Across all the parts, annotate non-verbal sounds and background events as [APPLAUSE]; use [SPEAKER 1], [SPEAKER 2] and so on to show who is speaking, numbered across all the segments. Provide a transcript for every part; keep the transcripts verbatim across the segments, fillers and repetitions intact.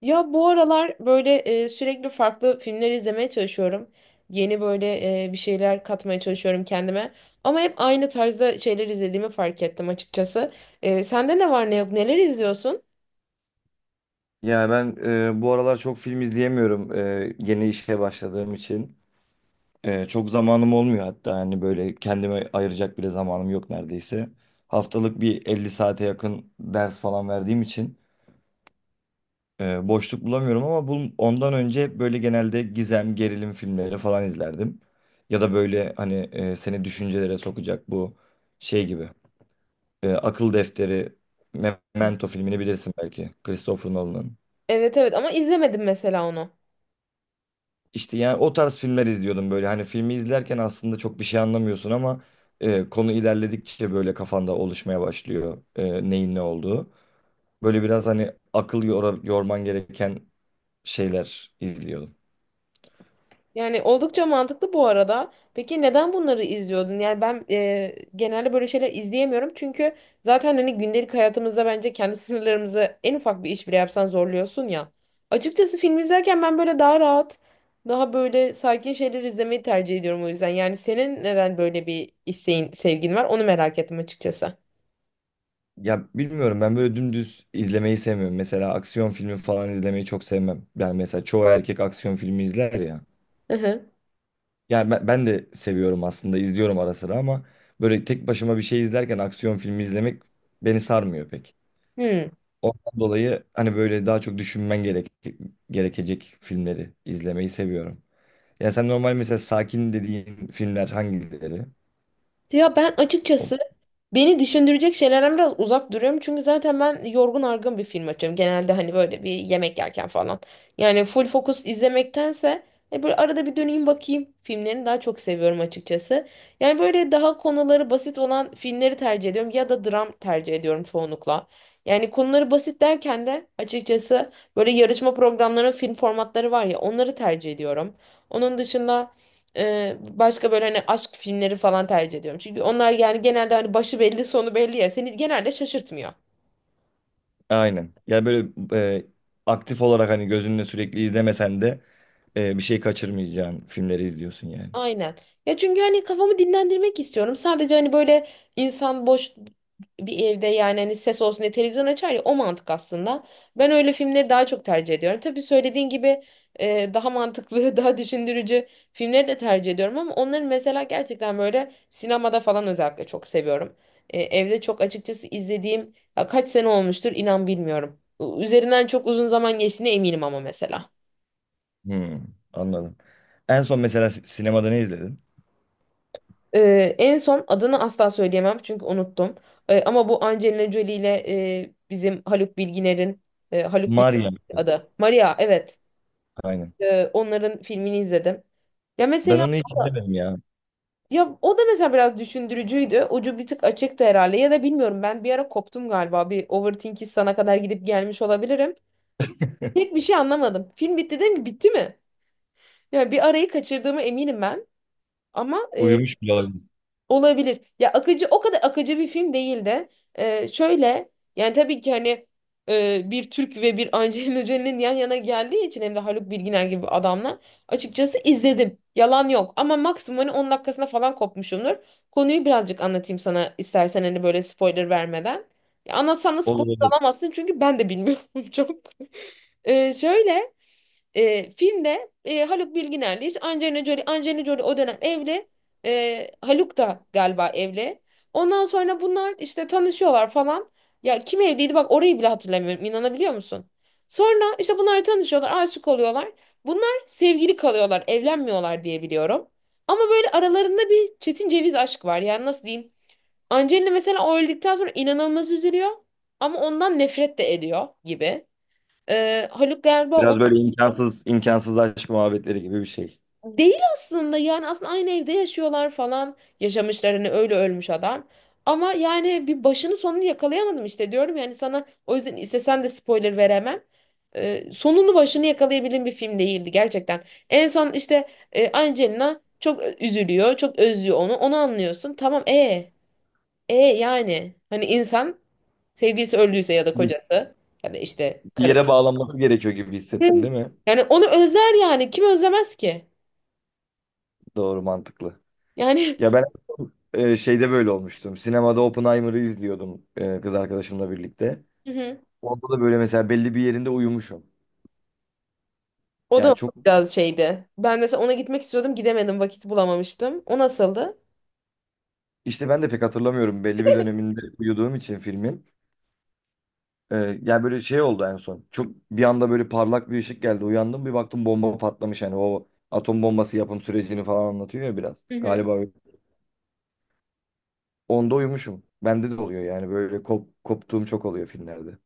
[SPEAKER 1] Ya bu aralar böyle e, sürekli farklı filmler izlemeye çalışıyorum. Yeni böyle e, bir şeyler katmaya çalışıyorum kendime. Ama hep aynı tarzda şeyler izlediğimi fark ettim açıkçası. E, sende ne var ne yok neler izliyorsun?
[SPEAKER 2] Yani ben e, bu aralar çok film izleyemiyorum, e, yeni işe başladığım için. E, çok zamanım olmuyor, hatta hani böyle kendime ayıracak bile zamanım yok neredeyse. Haftalık bir elli saate yakın ders falan verdiğim için e, boşluk bulamıyorum ama bu, ondan önce hep böyle genelde gizem, gerilim filmleri falan izlerdim. Ya da böyle hani e, seni düşüncelere sokacak bu şey gibi. E, Akıl Defteri, Memento filmini bilirsin belki. Christopher Nolan'ın.
[SPEAKER 1] Evet evet, ama izlemedim mesela onu.
[SPEAKER 2] İşte yani o tarz filmler izliyordum böyle. Hani filmi izlerken aslında çok bir şey anlamıyorsun ama e, konu ilerledikçe böyle kafanda oluşmaya başlıyor e, neyin ne olduğu. Böyle biraz hani akıl yora- yorman gereken şeyler izliyordum.
[SPEAKER 1] Yani oldukça mantıklı bu arada. Peki neden bunları izliyordun? Yani ben e, genelde böyle şeyler izleyemiyorum. Çünkü zaten hani gündelik hayatımızda bence kendi sınırlarımızı en ufak bir iş bile yapsan zorluyorsun ya. Açıkçası film izlerken ben böyle daha rahat, daha böyle sakin şeyler izlemeyi tercih ediyorum o yüzden. Yani senin neden böyle bir isteğin, sevgin var? Onu merak ettim açıkçası.
[SPEAKER 2] Ya bilmiyorum, ben böyle dümdüz izlemeyi sevmiyorum. Mesela aksiyon filmi falan izlemeyi çok sevmem. Yani mesela çoğu erkek aksiyon filmi izler ya.
[SPEAKER 1] Hı hı.
[SPEAKER 2] Yani ben, ben de seviyorum aslında, izliyorum ara sıra ama böyle tek başıma bir şey izlerken aksiyon filmi izlemek beni sarmıyor pek.
[SPEAKER 1] Hmm.
[SPEAKER 2] Ondan dolayı hani böyle daha çok düşünmen gerek gerekecek filmleri izlemeyi seviyorum. Yani sen normal mesela sakin dediğin filmler hangileri?
[SPEAKER 1] Ya ben
[SPEAKER 2] O-
[SPEAKER 1] açıkçası beni düşündürecek şeylerden biraz uzak duruyorum. Çünkü zaten ben yorgun argın bir film açıyorum. Genelde hani böyle bir yemek yerken falan. Yani full fokus izlemektense hani böyle arada bir döneyim bakayım filmlerini daha çok seviyorum açıkçası. Yani böyle daha konuları basit olan filmleri tercih ediyorum ya da dram tercih ediyorum çoğunlukla. Yani konuları basit derken de açıkçası böyle yarışma programlarının film formatları var ya onları tercih ediyorum. Onun dışında ee, başka böyle hani aşk filmleri falan tercih ediyorum. Çünkü onlar yani genelde hani başı belli sonu belli ya. Seni genelde şaşırtmıyor.
[SPEAKER 2] Aynen. Yani böyle e, aktif olarak hani gözünle sürekli izlemesen de e, bir şey kaçırmayacağın filmleri izliyorsun yani.
[SPEAKER 1] Aynen. Ya çünkü hani kafamı dinlendirmek istiyorum. Sadece hani böyle insan boş bir evde yani hani ses olsun diye televizyon açar ya, o mantık aslında. Ben öyle filmleri daha çok tercih ediyorum. Tabii söylediğin gibi e, daha mantıklı, [LAUGHS] daha düşündürücü filmleri de tercih ediyorum ama onların mesela gerçekten böyle sinemada falan özellikle çok seviyorum. E, evde çok açıkçası izlediğim ya kaç sene olmuştur inan bilmiyorum. Üzerinden çok uzun zaman geçtiğine eminim ama mesela.
[SPEAKER 2] Hmm, anladım. En son mesela si- sinemada ne izledin?
[SPEAKER 1] Ee, en son adını asla söyleyemem çünkü unuttum. Ee, ama bu Angelina Jolie ile e, bizim Haluk Bilginer'in e, Haluk Bilginer
[SPEAKER 2] Maria.
[SPEAKER 1] adı. Maria evet.
[SPEAKER 2] Aynen.
[SPEAKER 1] Ee, onların filmini izledim. Ya
[SPEAKER 2] Ben
[SPEAKER 1] mesela
[SPEAKER 2] onu hiç
[SPEAKER 1] o da,
[SPEAKER 2] izlemedim ya.
[SPEAKER 1] ya o da mesela biraz düşündürücüydü. Ucu bir tık açıktı herhalde ya da bilmiyorum, ben bir ara koptum galiba. Bir overthinkistan'a kadar gidip gelmiş olabilirim. Pek bir şey anlamadım. Film bitti dedim ki bitti mi? Ya bir arayı kaçırdığımı eminim ben. Ama e,
[SPEAKER 2] Uyumuş bile olabilir.
[SPEAKER 1] Olabilir. Ya akıcı, o kadar akıcı bir film değil de e, şöyle, yani tabii ki hani e, bir Türk ve bir Angelina Jolie'nin yan yana geldiği için hem de Haluk Bilginer gibi adamla açıkçası izledim. Yalan yok ama maksimum hani on dakikasına falan kopmuşumdur. Konuyu birazcık anlatayım sana istersen hani böyle spoiler vermeden. Ya anlatsam da
[SPEAKER 2] Olur
[SPEAKER 1] spoiler
[SPEAKER 2] olur.
[SPEAKER 1] alamazsın çünkü ben de bilmiyorum [LAUGHS] çok. E, şöyle e, Filmde e, Haluk Bilginer'le Angelina Jolie, Angelina Jolie o dönem evli. E, Haluk da galiba evli. Ondan sonra bunlar işte tanışıyorlar falan. Ya kim evliydi, bak orayı bile hatırlamıyorum, inanabiliyor musun? Sonra işte bunlar tanışıyorlar, aşık oluyorlar. Bunlar sevgili kalıyorlar, evlenmiyorlar diye biliyorum. Ama böyle aralarında bir çetin ceviz aşk var. Yani nasıl diyeyim? Angelina mesela o öldükten sonra inanılmaz üzülüyor. Ama ondan nefret de ediyor gibi. E, Haluk galiba
[SPEAKER 2] Biraz böyle imkansız imkansız aşk muhabbetleri gibi bir şey.
[SPEAKER 1] değil aslında, yani aslında aynı evde yaşıyorlar falan, yaşamışlar hani, öyle ölmüş adam. Ama yani bir başını sonunu yakalayamadım işte, diyorum yani sana, o yüzden istesen de spoiler veremem. Ee, sonunu başını yakalayabildiğim bir film değildi gerçekten. En son işte e, Angelina çok ö- üzülüyor, çok özlüyor onu onu anlıyorsun tamam, e e yani hani insan sevgilisi öldüyse ya da kocası ya da işte
[SPEAKER 2] Bir
[SPEAKER 1] karısı.
[SPEAKER 2] yere bağlanması gerekiyor gibi
[SPEAKER 1] Hı.
[SPEAKER 2] hissettin değil mi?
[SPEAKER 1] Yani onu özler, yani kim özlemez ki?
[SPEAKER 2] Doğru, mantıklı.
[SPEAKER 1] Yani.
[SPEAKER 2] Ya ben e, şeyde böyle olmuştum. Sinemada Oppenheimer'ı izliyordum, e, kız arkadaşımla birlikte.
[SPEAKER 1] [LAUGHS]
[SPEAKER 2] Onda da böyle mesela belli bir yerinde uyumuşum.
[SPEAKER 1] O da
[SPEAKER 2] Yani çok
[SPEAKER 1] biraz şeydi. Ben mesela ona gitmek istiyordum, gidemedim, vakit bulamamıştım. O nasıldı?
[SPEAKER 2] işte ben de pek hatırlamıyorum, belli bir döneminde uyuduğum için filmin. E, Yani böyle şey oldu en son. Çok bir anda böyle parlak bir ışık geldi. Uyandım, bir baktım bomba patlamış. Hani o atom bombası yapım sürecini falan anlatıyor ya biraz.
[SPEAKER 1] Hı hı.
[SPEAKER 2] Galiba öyle. Onda uyumuşum. Bende de oluyor yani, böyle kop, koptuğum çok oluyor filmlerde.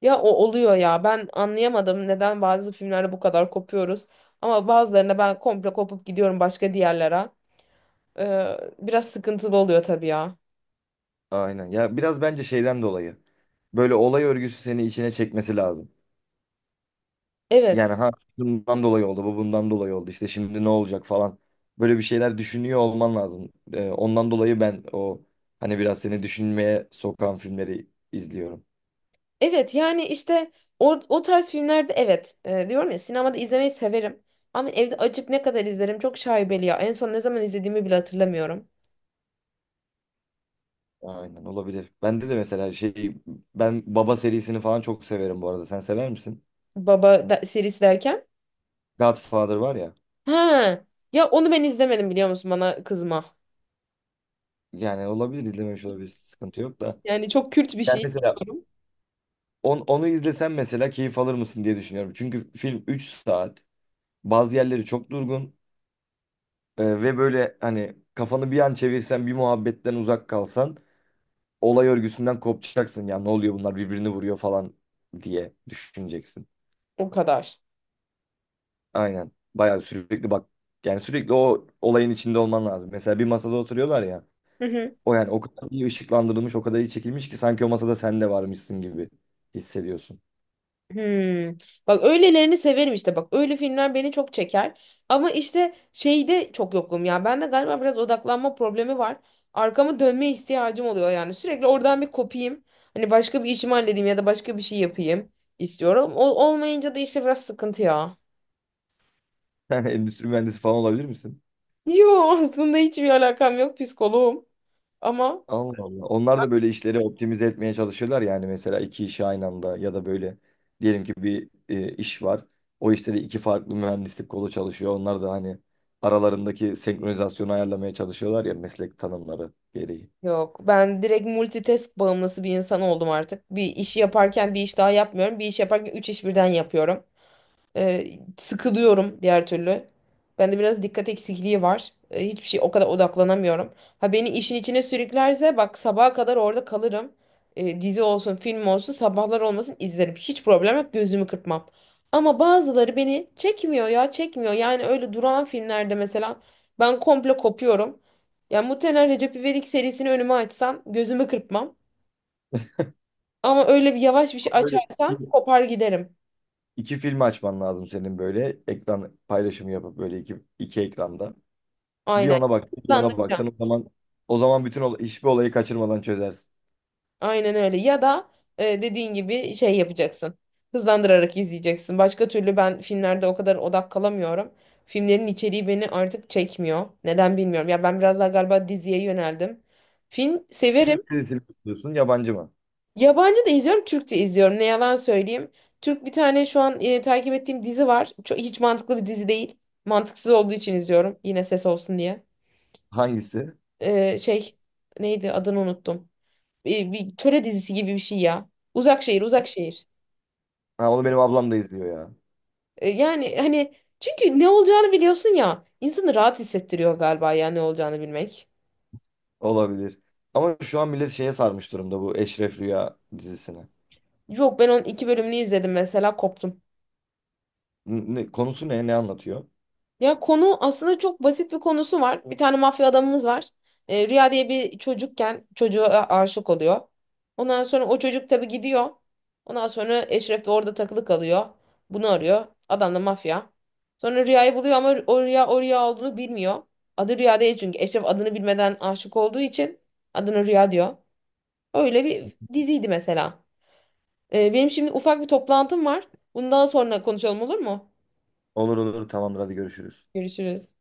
[SPEAKER 1] Ya o oluyor ya. Ben anlayamadım neden bazı filmlerde bu kadar kopuyoruz. Ama bazılarına ben komple kopup gidiyorum başka diğerlere. Ee, biraz sıkıntılı oluyor tabii ya.
[SPEAKER 2] Aynen. Ya biraz bence şeyden dolayı. Böyle olay örgüsü seni içine çekmesi lazım.
[SPEAKER 1] Evet.
[SPEAKER 2] Yani ha, bundan dolayı oldu, bu bundan dolayı oldu. İşte şimdi ne olacak falan. Böyle bir şeyler düşünüyor olman lazım. Ee, ondan dolayı ben o hani biraz seni düşünmeye sokan filmleri izliyorum.
[SPEAKER 1] Evet, yani işte o, o tarz filmlerde evet. Ee, diyorum ya, sinemada izlemeyi severim. Ama evde açıp ne kadar izlerim çok şaibeli ya. En son ne zaman izlediğimi bile hatırlamıyorum.
[SPEAKER 2] Aynen, olabilir. Bende de mesela şey, ben Baba serisini falan çok severim bu arada. Sen sever misin?
[SPEAKER 1] Baba da, serisi derken.
[SPEAKER 2] Godfather var ya.
[SPEAKER 1] He. Ya onu ben izlemedim, biliyor musun, bana kızma.
[SPEAKER 2] Yani olabilir, izlememiş olabilir. Sıkıntı yok da.
[SPEAKER 1] Yani çok Kürt bir
[SPEAKER 2] Yani
[SPEAKER 1] şey
[SPEAKER 2] mesela
[SPEAKER 1] biliyorum.
[SPEAKER 2] On, onu izlesen mesela keyif alır mısın diye düşünüyorum. Çünkü film üç saat. Bazı yerleri çok durgun e, ve böyle hani kafanı bir an çevirsen, bir muhabbetten uzak kalsan olay örgüsünden kopacaksın. Ya ne oluyor, bunlar birbirini vuruyor falan diye düşüneceksin.
[SPEAKER 1] O kadar.
[SPEAKER 2] Aynen. Bayağı sürekli bak, yani sürekli o olayın içinde olman lazım. Mesela bir masada oturuyorlar ya.
[SPEAKER 1] Hı hı.
[SPEAKER 2] O yani o kadar iyi ışıklandırılmış, o kadar iyi çekilmiş ki sanki o masada sen de varmışsın gibi hissediyorsun. [LAUGHS]
[SPEAKER 1] Hmm. Bak öylelerini severim işte, bak öyle filmler beni çok çeker, ama işte şeyde çok yokum ya, bende galiba biraz odaklanma problemi var, arkamı dönme ihtiyacım oluyor yani, sürekli oradan bir kopayım hani, başka bir işimi halledeyim ya da başka bir şey yapayım istiyorum, o olmayınca da işte biraz sıkıntı ya.
[SPEAKER 2] Yani endüstri mühendisi falan olabilir misin?
[SPEAKER 1] [LAUGHS] Yo, aslında hiçbir alakam yok, psikoloğum ama
[SPEAKER 2] Allah Allah. Onlar da böyle işleri optimize etmeye çalışıyorlar, yani mesela iki işi aynı anda ya da böyle diyelim ki bir e, iş var. O işte de iki farklı mühendislik kolu çalışıyor. Onlar da hani aralarındaki senkronizasyonu ayarlamaya çalışıyorlar ya, meslek tanımları gereği.
[SPEAKER 1] Yok, ben direkt multitask bağımlısı bir insan oldum artık. Bir işi yaparken bir iş daha yapmıyorum. Bir iş yaparken üç iş birden yapıyorum. E, Sıkılıyorum diğer türlü. Bende biraz dikkat eksikliği var. E, hiçbir şey, o kadar odaklanamıyorum. Ha, beni işin içine sürüklerse bak sabaha kadar orada kalırım. E, dizi olsun, film olsun, sabahlar olmasın izlerim. Hiç problem yok, gözümü kırpmam. Ama bazıları beni çekmiyor ya, çekmiyor. Yani öyle duran filmlerde mesela ben komple kopuyorum. Yani muhtemelen Recep İvedik serisini önüme açsan gözümü kırpmam. Ama öyle bir yavaş bir şey
[SPEAKER 2] Böyle
[SPEAKER 1] açarsan
[SPEAKER 2] iki,
[SPEAKER 1] kopar giderim.
[SPEAKER 2] iki film açman lazım senin, böyle ekran paylaşımı yapıp böyle iki, iki ekranda. Bir
[SPEAKER 1] Aynen.
[SPEAKER 2] ona bak, bir ona
[SPEAKER 1] Hızlandıracağım.
[SPEAKER 2] bakacaksın. O zaman o zaman bütün ol- hiçbir olayı kaçırmadan çözersin.
[SPEAKER 1] Aynen öyle. Ya da e, dediğin gibi şey yapacaksın. Hızlandırarak izleyeceksin. Başka türlü ben filmlerde o kadar odak kalamıyorum. Filmlerin içeriği beni artık çekmiyor. Neden bilmiyorum. Ya ben biraz daha galiba diziye yöneldim. Film severim.
[SPEAKER 2] Türk dizisi mi izliyorsun, yabancı mı?
[SPEAKER 1] Yabancı da izliyorum, Türkçe izliyorum. Ne yalan söyleyeyim. Türk bir tane şu an e, takip ettiğim dizi var. Çok, hiç mantıklı bir dizi değil. Mantıksız olduğu için izliyorum. Yine ses olsun diye.
[SPEAKER 2] Hangisi?
[SPEAKER 1] E, şey, neydi adını unuttum. E, bir töre dizisi gibi bir şey ya. Uzak Şehir, Uzak Şehir.
[SPEAKER 2] Ha, onu benim ablam da izliyor ya.
[SPEAKER 1] E, Yani hani çünkü ne olacağını biliyorsun ya, insanı rahat hissettiriyor galiba ya, ne olacağını bilmek.
[SPEAKER 2] Olabilir. Ama şu an millet şeye sarmış durumda, bu Eşref Rüya dizisine.
[SPEAKER 1] Yok, ben onun iki bölümünü izledim mesela, koptum.
[SPEAKER 2] Ne- konusu ne? Ne anlatıyor?
[SPEAKER 1] Ya konu aslında çok basit, bir konusu var. Bir tane mafya adamımız var. E, Rüya diye bir çocukken çocuğa aşık oluyor. Ondan sonra o çocuk tabii gidiyor. Ondan sonra Eşref de orada takılı kalıyor. Bunu arıyor. Adam da mafya. Sonra Rüya'yı buluyor ama o Rüya, o Rüya olduğunu bilmiyor. Adı Rüya değil çünkü, Eşref adını bilmeden aşık olduğu için adını Rüya diyor. Öyle bir diziydi mesela. Ee, benim şimdi ufak bir toplantım var. Bundan sonra konuşalım, olur mu?
[SPEAKER 2] Olur olur, tamamdır, hadi görüşürüz.
[SPEAKER 1] Görüşürüz.